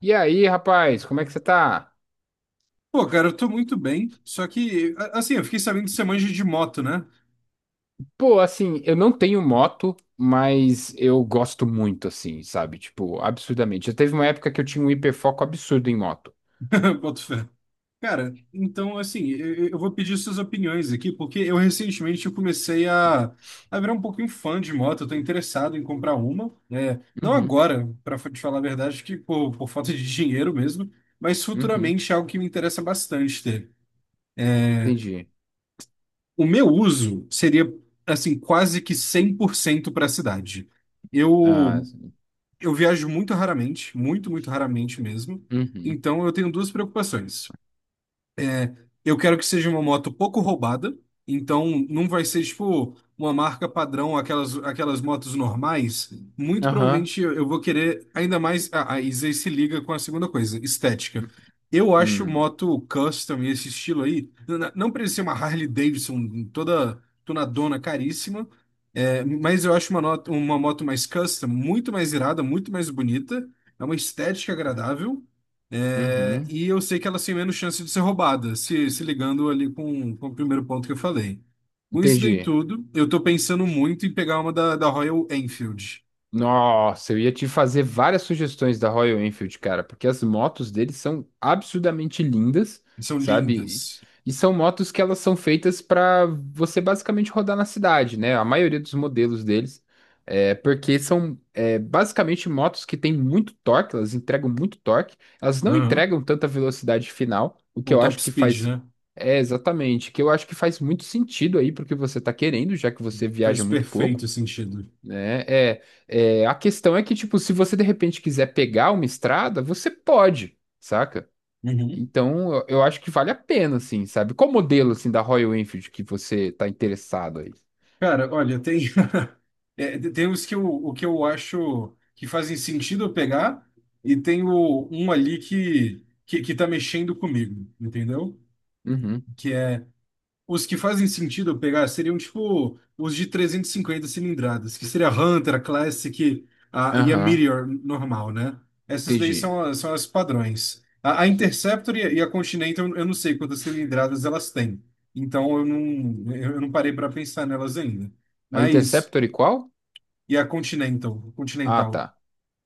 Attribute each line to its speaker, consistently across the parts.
Speaker 1: E aí, rapaz, como é que você tá?
Speaker 2: Pô, cara, eu tô muito bem, só que, assim, eu fiquei sabendo que você manja de moto, né?
Speaker 1: Pô, assim, eu não tenho moto, mas eu gosto muito, assim, sabe? Tipo, absurdamente. Já teve uma época que eu tinha um hiperfoco absurdo em moto.
Speaker 2: Boto fé. Cara, então, assim, eu vou pedir suas opiniões aqui, porque eu recentemente eu comecei a virar um pouquinho fã de moto, eu tô interessado em comprar uma, né? Não
Speaker 1: Uhum,
Speaker 2: agora, pra te falar a verdade, acho que por falta de dinheiro mesmo, mas
Speaker 1: uhum,
Speaker 2: futuramente é algo que me interessa bastante ter.
Speaker 1: entendi.
Speaker 2: O meu uso seria, assim, quase que 100% para a cidade.
Speaker 1: Ah,
Speaker 2: Eu Eu viajo muito raramente, muito, muito raramente mesmo.
Speaker 1: uhum,
Speaker 2: Então eu tenho duas preocupações. Eu quero que seja uma moto pouco roubada, então não vai ser tipo uma marca padrão, aquelas motos normais. Muito
Speaker 1: aham,
Speaker 2: provavelmente eu vou querer ainda mais. Isso aí se liga com a segunda coisa, estética. Eu acho
Speaker 1: uhum,
Speaker 2: moto custom e esse estilo aí, não precisa ser uma Harley Davidson toda tunadona caríssima, é, mas eu acho uma, uma moto mais custom muito mais irada, muito mais bonita, é uma estética agradável. É,
Speaker 1: uhum,
Speaker 2: e eu sei que elas têm menos chance de ser roubadas, se ligando ali com o primeiro ponto que eu falei. Com isso daí
Speaker 1: entendi.
Speaker 2: tudo, eu tô pensando muito em pegar uma da Royal Enfield.
Speaker 1: Nossa, eu ia te fazer várias sugestões da Royal Enfield, cara, porque as motos deles são absurdamente lindas,
Speaker 2: São
Speaker 1: sabe?
Speaker 2: lindas.
Speaker 1: E são motos que elas são feitas para você basicamente rodar na cidade, né? A maioria dos modelos deles, porque são basicamente motos que têm muito torque, elas entregam muito torque, elas não
Speaker 2: Aham.
Speaker 1: entregam tanta velocidade final, o que
Speaker 2: Com
Speaker 1: eu
Speaker 2: top
Speaker 1: acho que
Speaker 2: speed,
Speaker 1: faz
Speaker 2: né?
Speaker 1: é exatamente, que eu acho que faz muito sentido aí porque você tá querendo, já que você
Speaker 2: Faz
Speaker 1: viaja muito pouco,
Speaker 2: perfeito sentido.
Speaker 1: né? É, a questão é que, tipo, se você de repente quiser pegar uma estrada, você pode, saca?
Speaker 2: Uhum.
Speaker 1: Então, eu acho que vale a pena, assim, sabe? Qual modelo, assim, da Royal Enfield que você tá interessado aí?
Speaker 2: Cara, olha, tem, é, tem os que eu, o que eu acho que fazem sentido eu pegar, e tem o, um ali que tá mexendo comigo, entendeu?
Speaker 1: Uhum,
Speaker 2: Que é... Os que fazem sentido eu pegar seriam tipo os de 350 cilindradas, que seria a Hunter, a Classic, a, e a
Speaker 1: aham,
Speaker 2: Meteor normal, né? Essas daí
Speaker 1: entendi.
Speaker 2: são, são as padrões. A Interceptor e a Continental, eu não sei quantas cilindradas elas têm. Então eu não parei para pensar nelas ainda.
Speaker 1: A
Speaker 2: Mas,
Speaker 1: Interceptor e qual?
Speaker 2: e a Continental,
Speaker 1: Ah,
Speaker 2: Continental?
Speaker 1: tá.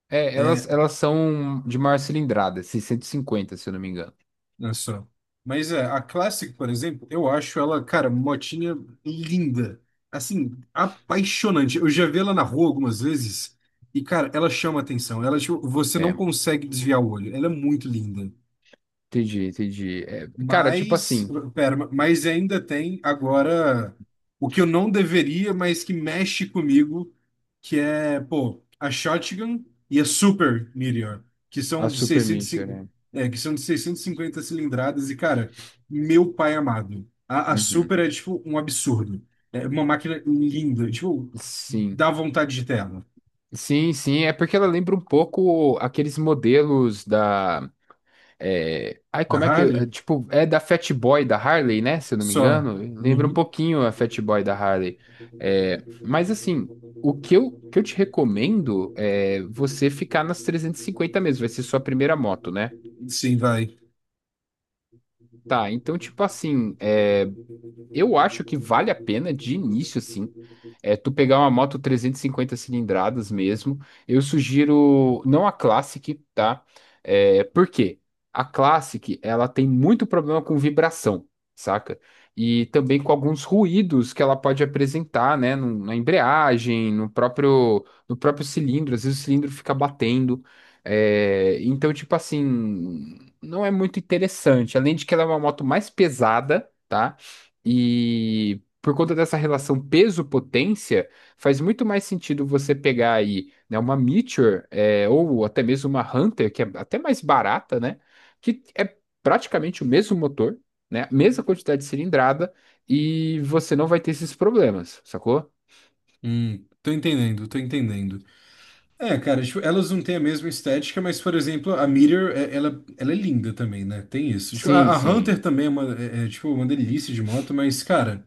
Speaker 1: É, elas,
Speaker 2: É,
Speaker 1: elas são de maior cilindrada, 650 se eu não me engano.
Speaker 2: olha só. Mas é, a Classic, por exemplo, eu acho ela, cara, motinha linda. Assim, apaixonante. Eu já vi ela na rua algumas vezes e, cara, ela chama atenção. Ela, tipo, você não
Speaker 1: É,
Speaker 2: consegue desviar o olho. Ela é muito linda.
Speaker 1: entendi, entendi. É, cara, tipo
Speaker 2: Mas,
Speaker 1: assim,
Speaker 2: pera, mas ainda tem agora o que eu não deveria, mas que mexe comigo, que é, pô, a Shotgun e a Super Meteor, que
Speaker 1: a
Speaker 2: são de
Speaker 1: Super Meteor,
Speaker 2: 650,
Speaker 1: né?
Speaker 2: é, que são de 650 cilindradas e, cara, meu pai amado, a
Speaker 1: Uhum.
Speaker 2: Super é, tipo, um absurdo. É uma máquina linda, tipo,
Speaker 1: Sim.
Speaker 2: dá vontade de ter ela.
Speaker 1: Sim, sim, é porque ela lembra um pouco aqueles modelos da. É, ai,
Speaker 2: Da
Speaker 1: como é que.
Speaker 2: Harley?
Speaker 1: Tipo, é da Fat Boy da Harley, né? Se eu não me
Speaker 2: Só.
Speaker 1: engano. Lembra um
Speaker 2: Uhum.
Speaker 1: pouquinho a Fat Boy da Harley. É, mas assim, que eu te recomendo é você ficar nas 350 mesmo. Vai ser sua primeira moto, né?
Speaker 2: Sim, vai.
Speaker 1: Tá, então, tipo assim, eu acho que vale a pena de início, sim. É, tu pegar uma moto 350 cilindradas mesmo. Eu sugiro não a Classic, tá? É, por quê? A Classic, ela tem muito problema com vibração, saca? E também com alguns ruídos que ela pode apresentar, né? Na embreagem, no próprio cilindro. Às vezes o cilindro fica batendo. É, então, tipo assim, não é muito interessante. Além de que ela é uma moto mais pesada, tá? E por conta dessa relação peso-potência, faz muito mais sentido você pegar aí, né, uma Meteor, é, ou até mesmo uma Hunter, que é até mais barata, né? Que é praticamente o mesmo motor, né? Mesma quantidade de cilindrada, e você não vai ter esses problemas, sacou?
Speaker 2: Tô entendendo, tô entendendo. É, cara, tipo, elas não têm a mesma estética, mas, por exemplo, a Meteor, ela, ela é linda também, né? Tem isso. Tipo,
Speaker 1: Sim,
Speaker 2: a
Speaker 1: sim.
Speaker 2: Hunter também é, uma, é, é, tipo, uma delícia de moto, mas, cara,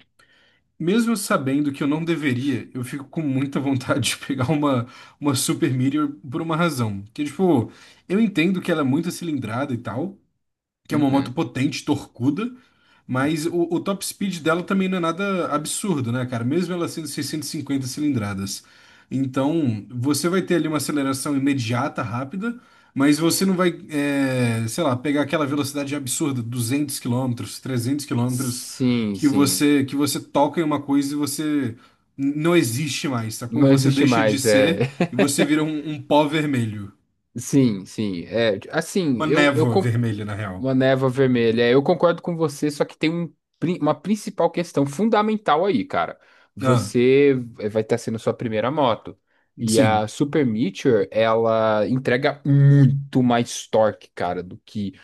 Speaker 2: mesmo sabendo que eu não deveria, eu fico com muita vontade de pegar uma Super Meteor por uma razão. Que, tipo, eu entendo que ela é muito cilindrada e tal, que é uma moto
Speaker 1: Uhum.
Speaker 2: potente, torcuda, mas o top speed dela também não é nada absurdo, né, cara? Mesmo ela sendo 650 cilindradas. Então, você vai ter ali uma aceleração imediata, rápida, mas você não vai, é, sei lá, pegar aquela velocidade absurda, 200 quilômetros, 300 quilômetros,
Speaker 1: Sim,
Speaker 2: que
Speaker 1: sim.
Speaker 2: você, que você toca em uma coisa e você não existe mais, sacou?
Speaker 1: Não
Speaker 2: Você
Speaker 1: existe
Speaker 2: deixa de
Speaker 1: mais, é.
Speaker 2: ser e você vira um, um pó vermelho.
Speaker 1: Sim, sim. É, assim,
Speaker 2: Uma
Speaker 1: eu.
Speaker 2: névoa vermelha, na real.
Speaker 1: Uma névoa vermelha. É, eu concordo com você, só que tem um uma principal questão fundamental aí, cara.
Speaker 2: Ah,
Speaker 1: Você vai estar sendo sua primeira moto. E
Speaker 2: sim.
Speaker 1: a Super Meteor, ela entrega muito mais torque, cara, do que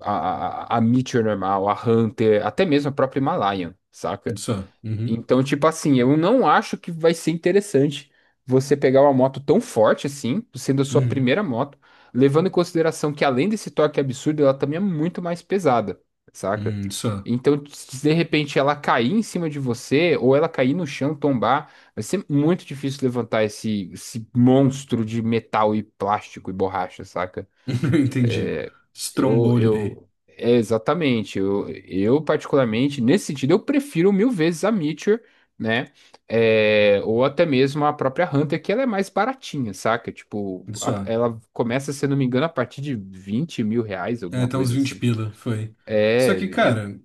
Speaker 1: a Meteor normal, a Hunter, até mesmo a própria Himalayan, saca?
Speaker 2: Só. Uhum.
Speaker 1: Então, tipo assim, eu não acho que vai ser interessante você pegar uma moto tão forte assim, sendo a sua
Speaker 2: Uhum.
Speaker 1: primeira moto, levando em consideração que além desse torque absurdo, ela também é muito mais pesada, saca?
Speaker 2: Só.
Speaker 1: Então, se de repente ela cair em cima de você, ou ela cair no chão, tombar, vai ser muito difícil levantar esse, monstro de metal e plástico e borracha, saca?
Speaker 2: Entendi. Esse trombolho aí.
Speaker 1: Exatamente. Eu, particularmente, nesse sentido, eu prefiro mil vezes a Meteor, né? É, ou até mesmo a própria Hunter, que ela é mais baratinha, saca? Tipo,
Speaker 2: Só.
Speaker 1: ela começa, se eu não me engano, a partir de 20 mil reais,
Speaker 2: É,
Speaker 1: alguma
Speaker 2: tá uns
Speaker 1: coisa
Speaker 2: vinte
Speaker 1: assim.
Speaker 2: pila, foi. Só que,
Speaker 1: É, é-
Speaker 2: cara,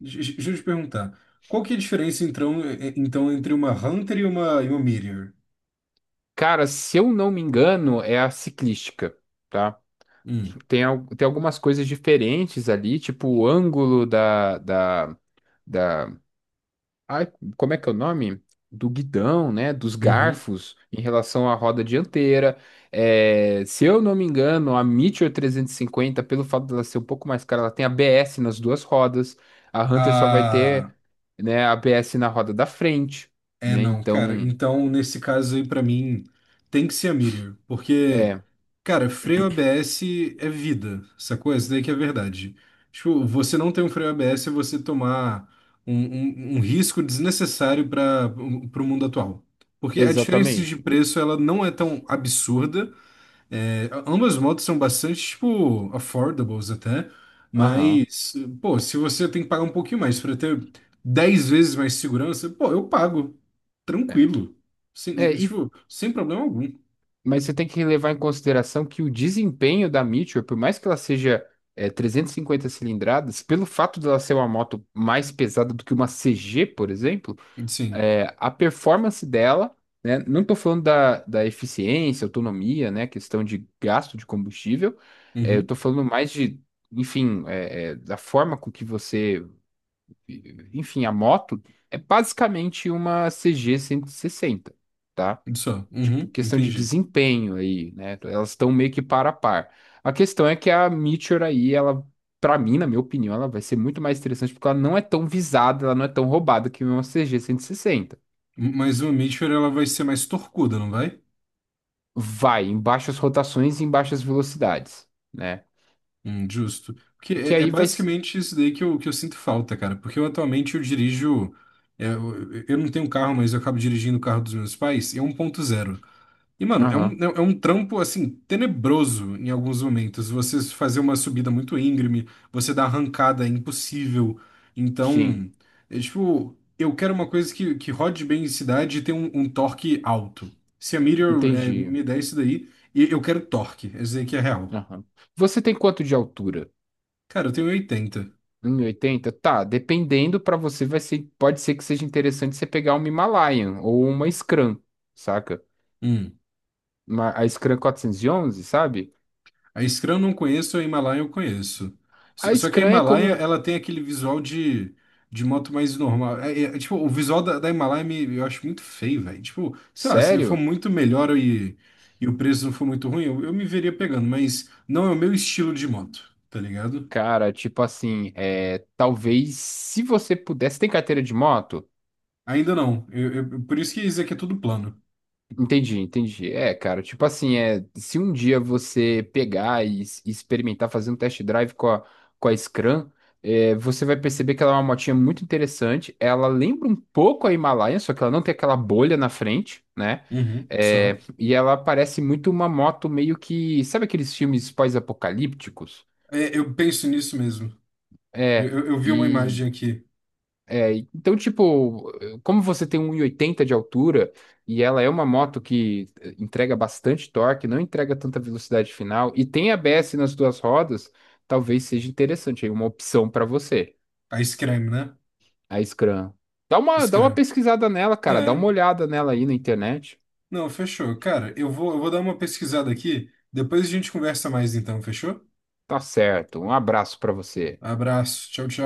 Speaker 2: deixa eu te perguntar. Qual que é a diferença, então, então entre uma Hunter e uma Meteor?
Speaker 1: Cara, se eu não me engano, é a ciclística, tá?
Speaker 2: Hum.
Speaker 1: Tem algumas coisas diferentes ali, tipo o ângulo da- ai, como é que é o nome? Do guidão, né? Dos
Speaker 2: Uhum.
Speaker 1: garfos em relação à roda dianteira. É, se eu não me engano, a Meteor 350, pelo fato dela ser um pouco mais cara, ela tem ABS nas duas rodas. A Hunter só vai
Speaker 2: Ah,
Speaker 1: ter, né, ABS na roda da frente,
Speaker 2: é
Speaker 1: né?
Speaker 2: não, cara.
Speaker 1: Então,
Speaker 2: Então, nesse caso aí, pra mim, tem que ser a Meteor. Porque...
Speaker 1: é,
Speaker 2: Cara, freio ABS é vida, sacou? Isso daí que é verdade. Tipo, você não tem um freio ABS é você tomar um, um risco desnecessário para o mundo atual. Porque a diferença de
Speaker 1: exatamente.
Speaker 2: preço, ela não é tão absurda. É, ambas motos são bastante, tipo, affordables até.
Speaker 1: Aham.
Speaker 2: Mas, pô, se você tem que pagar um pouquinho mais para ter 10 vezes mais segurança, pô, eu pago.
Speaker 1: É.
Speaker 2: Tranquilo. Sem,
Speaker 1: É, e
Speaker 2: tipo, sem problema algum.
Speaker 1: Mas você tem que levar em consideração que o desempenho da Meteor, por mais que ela seja 350 cilindradas, pelo fato dela ser uma moto mais pesada do que uma CG, por exemplo,
Speaker 2: Sim.
Speaker 1: é, a performance dela, né, não estou falando da eficiência, autonomia, né, questão de gasto de combustível, é, eu
Speaker 2: Uhum.
Speaker 1: estou falando mais de, enfim, da forma com que você, enfim, a moto é basicamente uma CG 160, tá?
Speaker 2: Só.
Speaker 1: Tipo,
Speaker 2: Uhum,
Speaker 1: questão de
Speaker 2: entendi.
Speaker 1: desempenho aí, né? Elas estão meio que par a par. A questão é que a Meteor aí, ela, pra mim, na minha opinião, ela vai ser muito mais interessante porque ela não é tão visada, ela não é tão roubada que uma CG 60.
Speaker 2: Mas uma Meteor, ela vai ser mais torcuda, não vai?
Speaker 1: Vai em baixas rotações e em baixas velocidades, né?
Speaker 2: Justo. Porque
Speaker 1: Que
Speaker 2: é, é
Speaker 1: aí vai.
Speaker 2: basicamente isso daí que eu sinto falta, cara. Porque eu atualmente eu dirijo. É, eu não tenho carro, mas eu acabo dirigindo o carro dos meus pais. E é um ponto zero. E, mano, é um,
Speaker 1: Aham,
Speaker 2: é um trampo, assim, tenebroso em alguns momentos. Você fazer uma subida muito íngreme, você dar arrancada é impossível.
Speaker 1: sim,
Speaker 2: Então, é tipo, eu quero uma coisa que rode bem em cidade e tenha um, um torque alto. Se a Meteor é,
Speaker 1: entendi.
Speaker 2: me der isso daí, eu quero torque. Esse aí que é real.
Speaker 1: Aham. Você tem quanto de altura?
Speaker 2: Cara, eu tenho 80.
Speaker 1: 1,80. Tá, dependendo pra você, vai ser, pode ser que seja interessante você pegar uma Himalayan ou uma Scrum, saca? A Scrum 411, sabe?
Speaker 2: A Scrum eu não conheço, a Himalaia eu conheço.
Speaker 1: A
Speaker 2: Só que a
Speaker 1: Scrum é
Speaker 2: Himalaia,
Speaker 1: como,
Speaker 2: ela tem aquele visual de moto mais normal. Tipo, o visual da Himalaia me, eu acho muito feio, velho. Tipo, sei lá, se ele for
Speaker 1: sério?
Speaker 2: muito melhor e o preço não for muito ruim, eu me veria pegando, mas não é o meu estilo de moto, tá ligado?
Speaker 1: Cara, tipo assim, é, talvez se você pudesse, tem carteira de moto?
Speaker 2: Ainda não. Por isso que isso aqui é tudo plano.
Speaker 1: Entendi, entendi. É, cara, tipo assim, é, se um dia você pegar e, e experimentar fazer um test drive com a Scram, é, você vai perceber que ela é uma motinha muito interessante. Ela lembra um pouco a Himalaia, só que ela não tem aquela bolha na frente, né?
Speaker 2: Uhum, só.
Speaker 1: É, e ela parece muito uma moto meio que. Sabe aqueles filmes pós-apocalípticos?
Speaker 2: É, eu penso nisso mesmo. Eu,
Speaker 1: É,
Speaker 2: eu vi uma
Speaker 1: e
Speaker 2: imagem aqui.
Speaker 1: É, então, tipo, como você tem 1,80 de altura e ela é uma moto que entrega bastante torque, não entrega tanta velocidade final e tem ABS nas duas rodas, talvez seja interessante aí, uma opção para você,
Speaker 2: A Scrum, né?
Speaker 1: a Scram. Dá uma
Speaker 2: Scrum.
Speaker 1: pesquisada nela, cara, dá uma
Speaker 2: É,
Speaker 1: olhada nela aí na internet.
Speaker 2: não, fechou. Cara, eu vou dar uma pesquisada aqui. Depois a gente conversa mais então, fechou?
Speaker 1: Tá certo, um abraço para você.
Speaker 2: Abraço. Tchau, tchau.